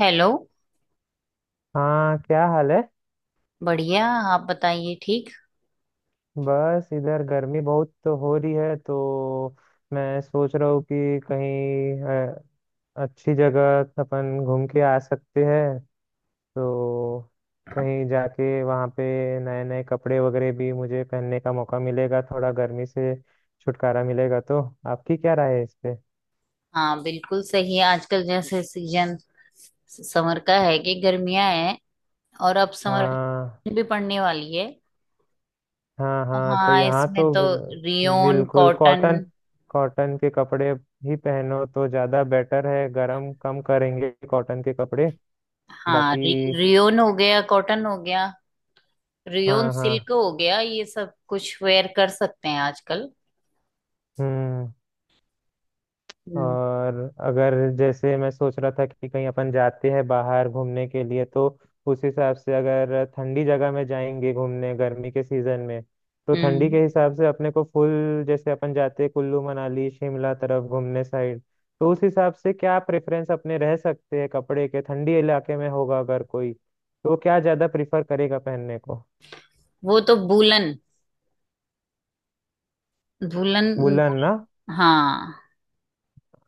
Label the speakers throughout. Speaker 1: Hello.
Speaker 2: हाँ, क्या हाल है।
Speaker 1: बढ़िया। आप बताइए। ठीक।
Speaker 2: बस इधर गर्मी बहुत तो हो रही है, तो मैं सोच रहा हूँ कि कहीं अच्छी जगह अपन घूम के आ सकते हैं। तो कहीं जाके वहाँ पे नए नए कपड़े वगैरह भी मुझे पहनने का मौका मिलेगा, थोड़ा गर्मी से छुटकारा मिलेगा। तो आपकी क्या राय है इस पे?
Speaker 1: हाँ, बिल्कुल सही है। आजकल जैसे सीजन समर का है कि गर्मियां हैं। और अब समर
Speaker 2: हाँ
Speaker 1: भी पड़ने वाली है।
Speaker 2: हाँ
Speaker 1: तो
Speaker 2: हाँ। तो
Speaker 1: हाँ,
Speaker 2: यहाँ
Speaker 1: इसमें
Speaker 2: तो
Speaker 1: तो रियोन
Speaker 2: बिल्कुल
Speaker 1: कॉटन।
Speaker 2: कॉटन, कॉटन के कपड़े ही पहनो तो ज्यादा बेटर है, गरम कम करेंगे कॉटन के कपड़े
Speaker 1: हाँ,
Speaker 2: बाकी।
Speaker 1: रियोन हो गया, कॉटन हो गया, रियोन
Speaker 2: हाँ हाँ।
Speaker 1: सिल्क हो गया, ये सब कुछ वेयर कर सकते हैं आजकल।
Speaker 2: हम्म।
Speaker 1: हम्म।
Speaker 2: और अगर जैसे मैं सोच रहा था कि कहीं अपन जाते हैं बाहर घूमने के लिए, तो उस हिसाब से अगर ठंडी जगह में जाएंगे घूमने गर्मी के सीजन में, तो ठंडी
Speaker 1: हम्म।
Speaker 2: के हिसाब से अपने को फुल, जैसे अपन जाते हैं कुल्लू मनाली शिमला तरफ घूमने साइड, तो उस हिसाब से क्या प्रेफरेंस अपने रह सकते हैं कपड़े के? ठंडी इलाके में होगा अगर कोई तो क्या ज्यादा प्रिफर करेगा पहनने को?
Speaker 1: वो तो वूलन, वूलन।
Speaker 2: वुलन ना?
Speaker 1: हाँ,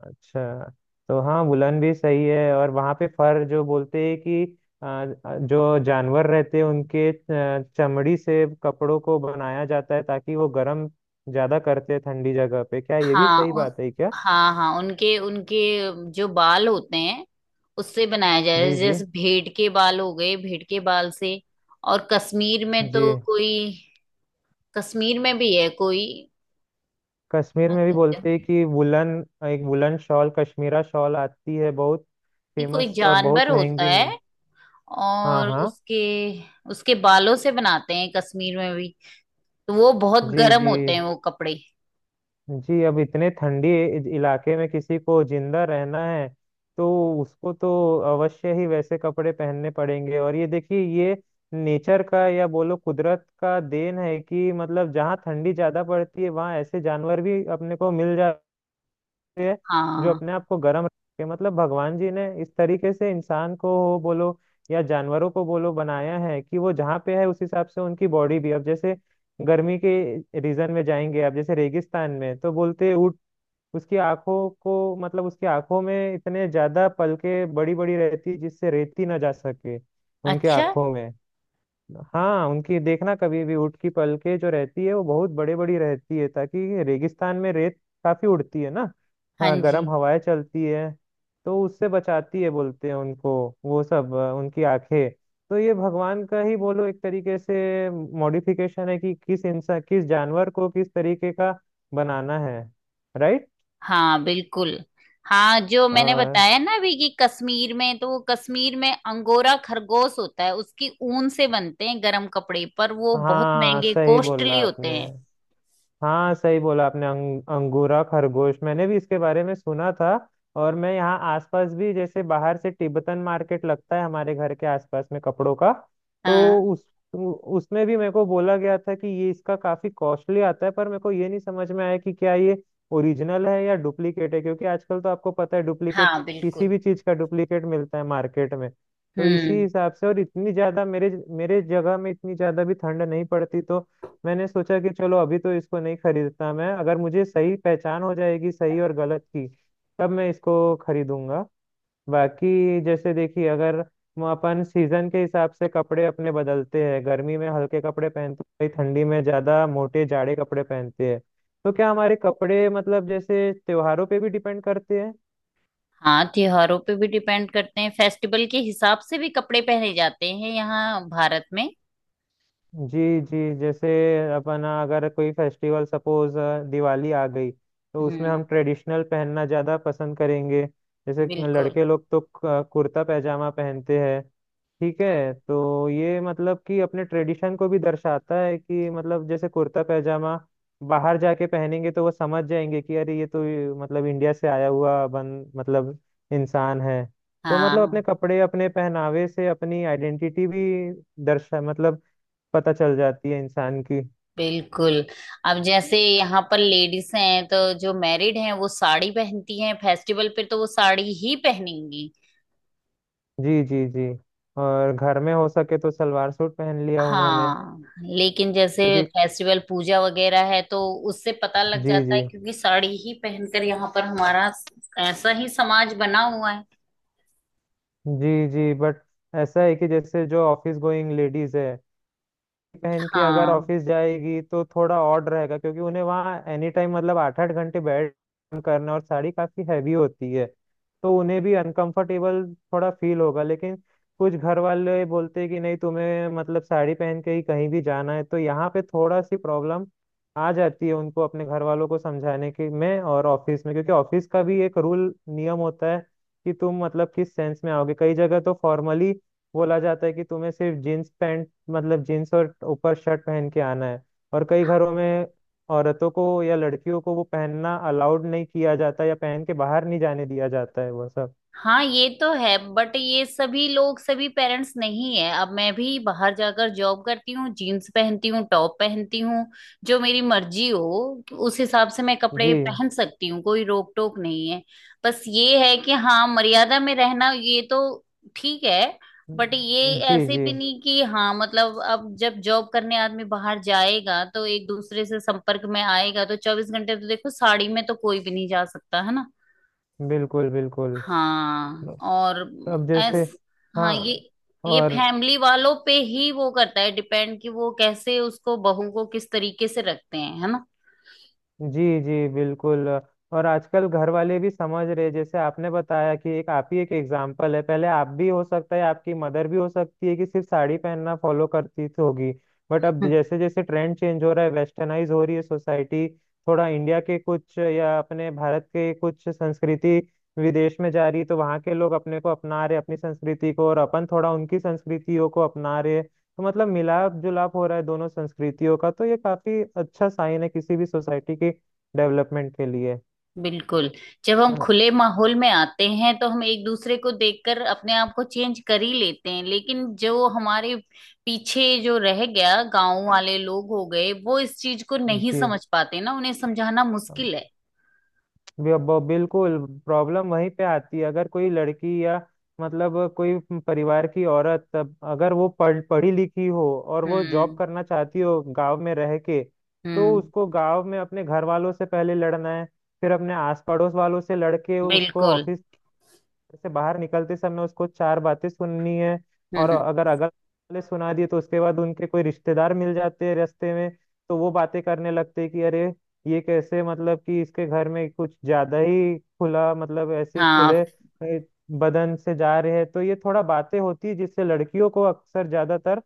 Speaker 2: अच्छा। तो हाँ, वुलन भी सही है। और वहाँ पे फर जो बोलते हैं कि आ, जो जानवर रहते हैं उनके चमड़ी से कपड़ों को बनाया जाता है ताकि वो गर्म ज्यादा करते हैं ठंडी जगह पे, क्या ये भी
Speaker 1: हाँ,
Speaker 2: सही बात है क्या?
Speaker 1: हाँ, हाँ, उनके उनके जो बाल होते हैं, उससे बनाया जाता है।
Speaker 2: जी जी
Speaker 1: जैसे भेड़ के बाल हो गए, भेड़ के बाल से। और कश्मीर में
Speaker 2: जी।
Speaker 1: तो कोई, कश्मीर में भी है कोई,
Speaker 2: कश्मीर
Speaker 1: क्या
Speaker 2: में भी
Speaker 1: कहते
Speaker 2: बोलते हैं
Speaker 1: हैं,
Speaker 2: कि वुलन। एक वुलन शॉल, कश्मीरा शॉल आती है बहुत
Speaker 1: नहीं, कोई
Speaker 2: फेमस और
Speaker 1: जानवर
Speaker 2: बहुत
Speaker 1: होता
Speaker 2: महंगी मिल।
Speaker 1: है,
Speaker 2: हाँ
Speaker 1: और
Speaker 2: हाँ।
Speaker 1: उसके उसके बालों से बनाते हैं कश्मीर में भी। तो वो बहुत
Speaker 2: जी
Speaker 1: गर्म
Speaker 2: जी
Speaker 1: होते हैं वो कपड़े।
Speaker 2: जी। अब इतने ठंडी इलाके में किसी को जिंदा रहना है तो उसको तो अवश्य ही वैसे कपड़े पहनने पड़ेंगे। और ये देखिए, ये नेचर का या बोलो कुदरत का देन है कि मतलब जहाँ ठंडी ज्यादा पड़ती है वहाँ ऐसे जानवर भी अपने को मिल जाते है जो
Speaker 1: हाँ।
Speaker 2: अपने आप को गर्म रखे। मतलब भगवान जी ने इस तरीके से इंसान को हो बोलो या जानवरों को बोलो बनाया है कि वो जहाँ पे है उस हिसाब से उनकी बॉडी भी। अब जैसे गर्मी के रीजन में जाएंगे, आप जैसे रेगिस्तान में तो बोलते हैं ऊँट, उसकी आंखों को, मतलब उसकी आंखों में इतने ज्यादा पलके बड़ी बड़ी रहती है जिससे रेती ना जा सके उनके
Speaker 1: अच्छा।
Speaker 2: आंखों में। हाँ, उनकी देखना कभी भी ऊँट की पलके जो रहती है वो बहुत बड़े बड़ी रहती है, ताकि रेगिस्तान में रेत काफी उड़ती है ना।
Speaker 1: हाँ
Speaker 2: हाँ,
Speaker 1: जी।
Speaker 2: गर्म हवाएं चलती है तो उससे बचाती है बोलते हैं उनको वो सब, उनकी आंखें। तो ये भगवान का ही बोलो एक तरीके से मॉडिफिकेशन है कि किस इंसान किस जानवर को किस तरीके का बनाना है। राइट।
Speaker 1: हाँ, बिल्कुल। हाँ, जो मैंने
Speaker 2: और
Speaker 1: बताया ना अभी, कि कश्मीर में तो वो, कश्मीर में अंगोरा खरगोश होता है, उसकी ऊन से बनते हैं गरम कपड़े, पर वो बहुत
Speaker 2: हाँ,
Speaker 1: महंगे,
Speaker 2: सही बोला
Speaker 1: कॉस्टली होते
Speaker 2: आपने।
Speaker 1: हैं।
Speaker 2: हाँ, सही बोला आपने, अंगूरा खरगोश, मैंने भी इसके बारे में सुना था। और मैं यहाँ आसपास भी, जैसे बाहर से तिब्बतन मार्केट लगता है हमारे घर के आसपास में कपड़ों का, तो
Speaker 1: हाँ।
Speaker 2: उस उसमें भी मेरे को बोला गया था कि ये इसका काफी कॉस्टली आता है, पर मेरे को ये नहीं समझ में आया कि क्या ये ओरिजिनल है या डुप्लीकेट है, क्योंकि आजकल तो आपको पता है डुप्लीकेट,
Speaker 1: हाँ,
Speaker 2: किसी
Speaker 1: बिल्कुल।
Speaker 2: भी चीज का डुप्लीकेट मिलता है मार्केट में। तो इसी
Speaker 1: हम्म।
Speaker 2: हिसाब से, और इतनी ज्यादा मेरे मेरे जगह में इतनी ज्यादा भी ठंड नहीं पड़ती, तो मैंने सोचा कि चलो अभी तो इसको नहीं खरीदता मैं, अगर मुझे सही पहचान हो जाएगी सही और गलत की तब मैं इसको खरीदूंगा। बाकी जैसे देखिए, अगर हम अपन सीजन के हिसाब से कपड़े अपने बदलते हैं, गर्मी में हल्के कपड़े पहनते हैं, ठंडी में ज्यादा मोटे जाड़े कपड़े पहनते हैं, तो क्या हमारे कपड़े मतलब जैसे त्योहारों पे भी डिपेंड करते हैं?
Speaker 1: हाँ, त्योहारों पे भी डिपेंड करते हैं, फेस्टिवल के हिसाब से भी कपड़े पहने जाते हैं यहाँ भारत में।
Speaker 2: जी जी। जैसे अपना अगर कोई फेस्टिवल सपोज दिवाली आ गई तो उसमें
Speaker 1: हम्म।
Speaker 2: हम ट्रेडिशनल पहनना ज़्यादा पसंद करेंगे। जैसे
Speaker 1: बिल्कुल।
Speaker 2: लड़के लोग तो कुर्ता पैजामा पहनते हैं। ठीक है। तो ये मतलब कि अपने ट्रेडिशन को भी दर्शाता है कि मतलब जैसे कुर्ता पैजामा बाहर जाके पहनेंगे तो वो समझ जाएंगे कि अरे ये तो ये, मतलब इंडिया से आया हुआ बन, मतलब इंसान है। तो मतलब अपने
Speaker 1: हाँ,
Speaker 2: कपड़े, अपने पहनावे से अपनी आइडेंटिटी भी दर्शा, मतलब पता चल जाती है इंसान की।
Speaker 1: बिल्कुल। अब जैसे यहाँ पर लेडीज हैं, तो जो मैरिड हैं, वो साड़ी पहनती हैं, फेस्टिवल पे तो वो साड़ी ही पहनेंगी।
Speaker 2: जी जी जी। और घर में हो सके तो सलवार सूट पहन लिया उन्होंने
Speaker 1: हाँ। लेकिन जैसे
Speaker 2: क्योंकि।
Speaker 1: फेस्टिवल, पूजा वगैरह है, तो उससे पता लग
Speaker 2: जी
Speaker 1: जाता है,
Speaker 2: जी
Speaker 1: क्योंकि साड़ी ही पहनकर, यहाँ पर हमारा ऐसा ही समाज बना हुआ है।
Speaker 2: जी जी। बट ऐसा है कि जैसे जो ऑफिस गोइंग लेडीज है, बहन की अगर
Speaker 1: हाँ,
Speaker 2: ऑफिस जाएगी तो थोड़ा ऑड रहेगा, क्योंकि उन्हें वहाँ एनी टाइम मतलब आठ आठ घंटे बैठ काम करना, और साड़ी काफी हैवी होती है, तो उन्हें भी अनकंफर्टेबल थोड़ा फील होगा। लेकिन कुछ घर वाले बोलते हैं कि नहीं, तुम्हें मतलब साड़ी पहन के ही कहीं भी जाना है, तो यहाँ पे थोड़ा सी प्रॉब्लम आ जाती है उनको अपने घर वालों को समझाने के में और ऑफिस में, क्योंकि ऑफिस का भी एक रूल नियम होता है कि तुम मतलब किस सेंस में आओगे। कई जगह तो फॉर्मली बोला जाता है कि तुम्हें सिर्फ जींस पैंट, मतलब जीन्स और ऊपर शर्ट पहन के आना है। और कई घरों में औरतों को या लड़कियों को वो पहनना अलाउड नहीं किया जाता या पहन के बाहर नहीं जाने दिया जाता है वो सब।
Speaker 1: हाँ, ये तो है, बट ये सभी लोग, सभी पेरेंट्स नहीं है। अब मैं भी बाहर जाकर जॉब करती हूँ, जीन्स पहनती हूँ, टॉप पहनती हूँ। जो मेरी मर्जी हो उस हिसाब से मैं
Speaker 2: जी
Speaker 1: कपड़े पहन सकती हूँ, कोई रोक टोक नहीं है। बस ये है कि हाँ, मर्यादा में रहना, ये तो ठीक है। बट ये
Speaker 2: जी
Speaker 1: ऐसे
Speaker 2: जी।
Speaker 1: भी नहीं कि, हाँ मतलब, अब जब जॉब करने आदमी बाहर जाएगा, तो एक दूसरे से संपर्क में आएगा, तो चौबीस घंटे तो देखो साड़ी में तो कोई भी नहीं जा सकता है ना।
Speaker 2: बिल्कुल बिल्कुल।
Speaker 1: हाँ,
Speaker 2: तो
Speaker 1: और तो
Speaker 2: अब जैसे,
Speaker 1: ऐस हाँ,
Speaker 2: हाँ
Speaker 1: और ये
Speaker 2: और,
Speaker 1: फैमिली वालों पे ही वो करता है डिपेंड, कि वो कैसे उसको, बहू को किस तरीके से रखते हैं, है ना।
Speaker 2: जी जी बिल्कुल, और आजकल घर वाले भी समझ रहे, जैसे आपने बताया कि एक आप ही एक एग्जाम्पल है, पहले आप भी हो सकता है आपकी मदर भी हो सकती है कि सिर्फ साड़ी पहनना फॉलो करती थी होगी, बट अब
Speaker 1: हम्म,
Speaker 2: जैसे जैसे ट्रेंड चेंज हो रहा है, वेस्टर्नाइज हो रही है सोसाइटी, थोड़ा इंडिया के कुछ या अपने भारत के कुछ संस्कृति विदेश में जा रही है, तो वहाँ के लोग अपने को अपना रहे अपनी संस्कृति को और अपन थोड़ा उनकी संस्कृतियों को अपना रहे, तो मतलब मिलाप जुलाप हो रहा है दोनों संस्कृतियों का, तो ये काफी अच्छा साइन है किसी भी सोसाइटी की डेवलपमेंट के लिए।
Speaker 1: बिल्कुल। जब हम
Speaker 2: हाँ,
Speaker 1: खुले माहौल में आते हैं तो हम एक दूसरे को देखकर अपने आप को चेंज कर ही लेते हैं, लेकिन जो हमारे पीछे जो रह गया, गांव वाले लोग हो गए, वो इस चीज को नहीं
Speaker 2: जी।
Speaker 1: समझ पाते ना, उन्हें समझाना मुश्किल है।
Speaker 2: बिल्कुल। प्रॉब्लम वहीं पे आती है अगर कोई लड़की या मतलब कोई परिवार की औरत, तब अगर वो पढ़ी लिखी हो और वो जॉब
Speaker 1: हम्म,
Speaker 2: करना चाहती हो गांव में रह के, तो
Speaker 1: हम्म,
Speaker 2: उसको गांव में अपने घर वालों से पहले लड़ना है, फिर अपने आस पड़ोस वालों से लड़के उसको
Speaker 1: बिल्कुल।
Speaker 2: ऑफिस, घर से बाहर निकलते समय उसको चार बातें सुननी है। और
Speaker 1: हम्म,
Speaker 2: अगर अगल वाले सुना दिए तो उसके बाद उनके कोई रिश्तेदार मिल जाते हैं रास्ते में, तो वो बातें करने लगते हैं कि अरे ये कैसे, मतलब कि इसके घर में कुछ ज्यादा ही खुला, मतलब ऐसे ही
Speaker 1: हाँ।
Speaker 2: खुले बदन से जा रहे हैं, तो ये थोड़ा बातें होती है जिससे लड़कियों को अक्सर ज्यादातर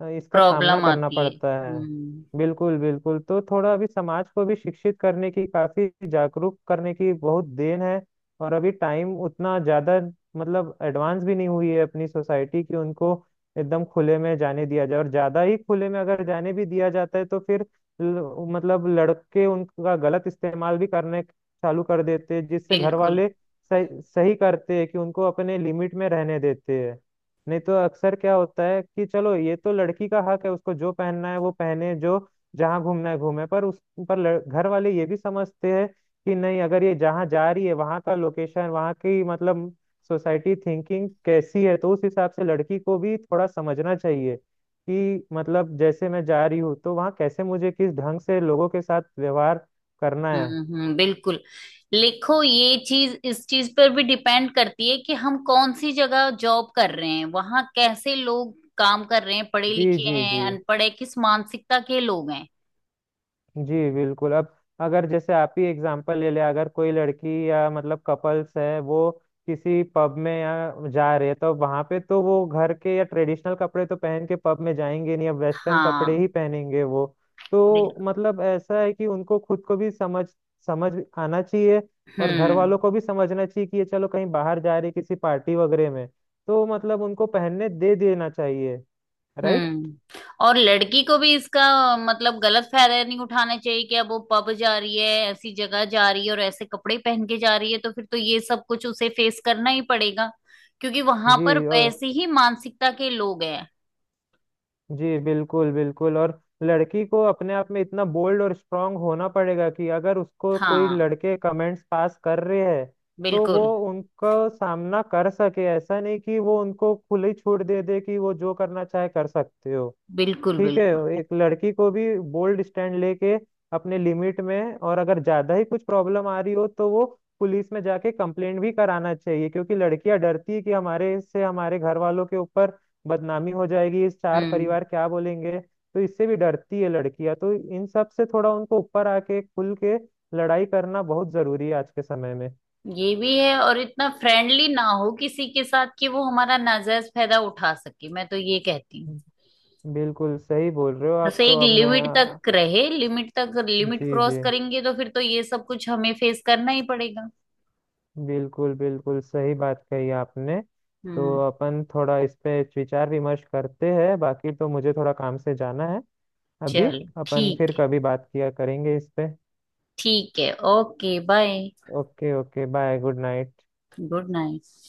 Speaker 2: इसका सामना
Speaker 1: प्रॉब्लम
Speaker 2: करना
Speaker 1: आती है।
Speaker 2: पड़ता है।
Speaker 1: हम्म,
Speaker 2: बिल्कुल बिल्कुल। तो थोड़ा अभी समाज को भी शिक्षित करने की, काफी जागरूक करने की बहुत देन है। और अभी टाइम उतना ज्यादा मतलब एडवांस भी नहीं हुई है अपनी सोसाइटी कि उनको एकदम खुले में जाने दिया जाए, और ज्यादा ही खुले में अगर जाने भी दिया जाता है तो फिर मतलब लड़के उनका गलत इस्तेमाल भी करने चालू कर देते हैं जिससे घर
Speaker 1: बिल्कुल।
Speaker 2: वाले सही सही करते हैं कि उनको अपने लिमिट में रहने देते हैं। नहीं तो अक्सर क्या होता है कि चलो ये तो लड़की का हक है, उसको जो पहनना है वो पहने, जो जहाँ घूमना है घूमे, पर उस पर घर वाले ये भी समझते हैं कि नहीं, अगर ये जहाँ जा रही है वहां का लोकेशन, वहां की मतलब सोसाइटी थिंकिंग कैसी है, तो उस हिसाब से लड़की को भी थोड़ा समझना चाहिए कि मतलब जैसे मैं जा रही हूँ तो वहाँ कैसे, मुझे किस ढंग से लोगों के साथ व्यवहार करना
Speaker 1: हम्म,
Speaker 2: है।
Speaker 1: हम्म, बिल्कुल। लिखो, ये चीज, इस चीज पर भी डिपेंड करती है कि हम कौन सी जगह जॉब कर रहे हैं, वहां कैसे लोग काम कर रहे हैं, पढ़े
Speaker 2: जी
Speaker 1: लिखे
Speaker 2: जी
Speaker 1: हैं,
Speaker 2: जी
Speaker 1: अनपढ़ है, किस मानसिकता के लोग हैं।
Speaker 2: जी बिल्कुल। अब अगर जैसे आप ही एग्जांपल ले ले, अगर कोई लड़की या मतलब कपल्स है वो किसी पब में या जा रहे हैं, तो वहां पे तो वो घर के या ट्रेडिशनल कपड़े तो पहन के पब में जाएंगे नहीं, अब वेस्टर्न कपड़े ही
Speaker 1: हाँ,
Speaker 2: पहनेंगे वो। तो
Speaker 1: बिल्कुल।
Speaker 2: मतलब ऐसा है कि उनको खुद को भी समझ समझ आना चाहिए, और घर
Speaker 1: हम्म,
Speaker 2: वालों को भी समझना चाहिए कि ये चलो कहीं बाहर जा रही किसी पार्टी वगैरह में, तो मतलब उनको पहनने दे देना चाहिए। राइट।
Speaker 1: हम्म। और लड़की को भी इसका मतलब गलत फायदा नहीं उठाना चाहिए कि अब वो पब जा रही है, ऐसी जगह जा रही है, और ऐसे कपड़े पहन के जा रही है, तो फिर तो ये सब कुछ उसे फेस करना ही पड़ेगा, क्योंकि वहां
Speaker 2: जी
Speaker 1: पर
Speaker 2: और,
Speaker 1: वैसे ही मानसिकता के लोग हैं।
Speaker 2: जी बिल्कुल बिल्कुल। और लड़की को अपने आप में इतना बोल्ड और स्ट्रांग होना पड़ेगा कि अगर उसको कोई
Speaker 1: हाँ,
Speaker 2: लड़के कमेंट्स पास कर रहे हैं तो वो
Speaker 1: बिल्कुल,
Speaker 2: उनका सामना कर सके, ऐसा नहीं कि वो उनको खुली छूट दे दे कि वो जो करना चाहे कर सकते हो।
Speaker 1: बिल्कुल।
Speaker 2: ठीक है।
Speaker 1: बिल्कुल।
Speaker 2: एक लड़की को भी बोल्ड स्टैंड लेके अपने लिमिट में, और अगर ज्यादा ही कुछ प्रॉब्लम आ रही हो तो वो पुलिस में जाके कंप्लेंट भी कराना चाहिए, क्योंकि लड़कियां डरती है कि हमारे से हमारे घर वालों के ऊपर बदनामी हो जाएगी, इस चार
Speaker 1: हम्म।
Speaker 2: परिवार क्या बोलेंगे, तो इससे भी डरती है लड़कियां, तो इन सब से थोड़ा उनको ऊपर आके खुल के लड़ाई करना बहुत जरूरी है आज के समय में।
Speaker 1: ये भी है। और इतना फ्रेंडली ना हो किसी के साथ, कि वो हमारा नाजायज फायदा उठा सके, मैं तो ये कहती हूँ।
Speaker 2: बिल्कुल सही बोल रहे हो आप।
Speaker 1: जैसे एक
Speaker 2: तो अब मैं,
Speaker 1: लिमिट तक रहे, लिमिट तक, लिमिट
Speaker 2: जी
Speaker 1: क्रॉस
Speaker 2: जी
Speaker 1: करेंगे तो फिर तो ये सब कुछ हमें फेस करना ही पड़ेगा।
Speaker 2: बिल्कुल बिल्कुल सही बात कही आपने। तो
Speaker 1: हम्म।
Speaker 2: अपन थोड़ा इस पे विचार विमर्श करते हैं, बाकी तो मुझे थोड़ा काम से जाना है अभी।
Speaker 1: चलो,
Speaker 2: अपन
Speaker 1: ठीक
Speaker 2: फिर
Speaker 1: है।
Speaker 2: कभी बात किया करेंगे इस पे।
Speaker 1: ठीक है। Okay, bye.
Speaker 2: Okay. Okay bye. Good night.
Speaker 1: Good night.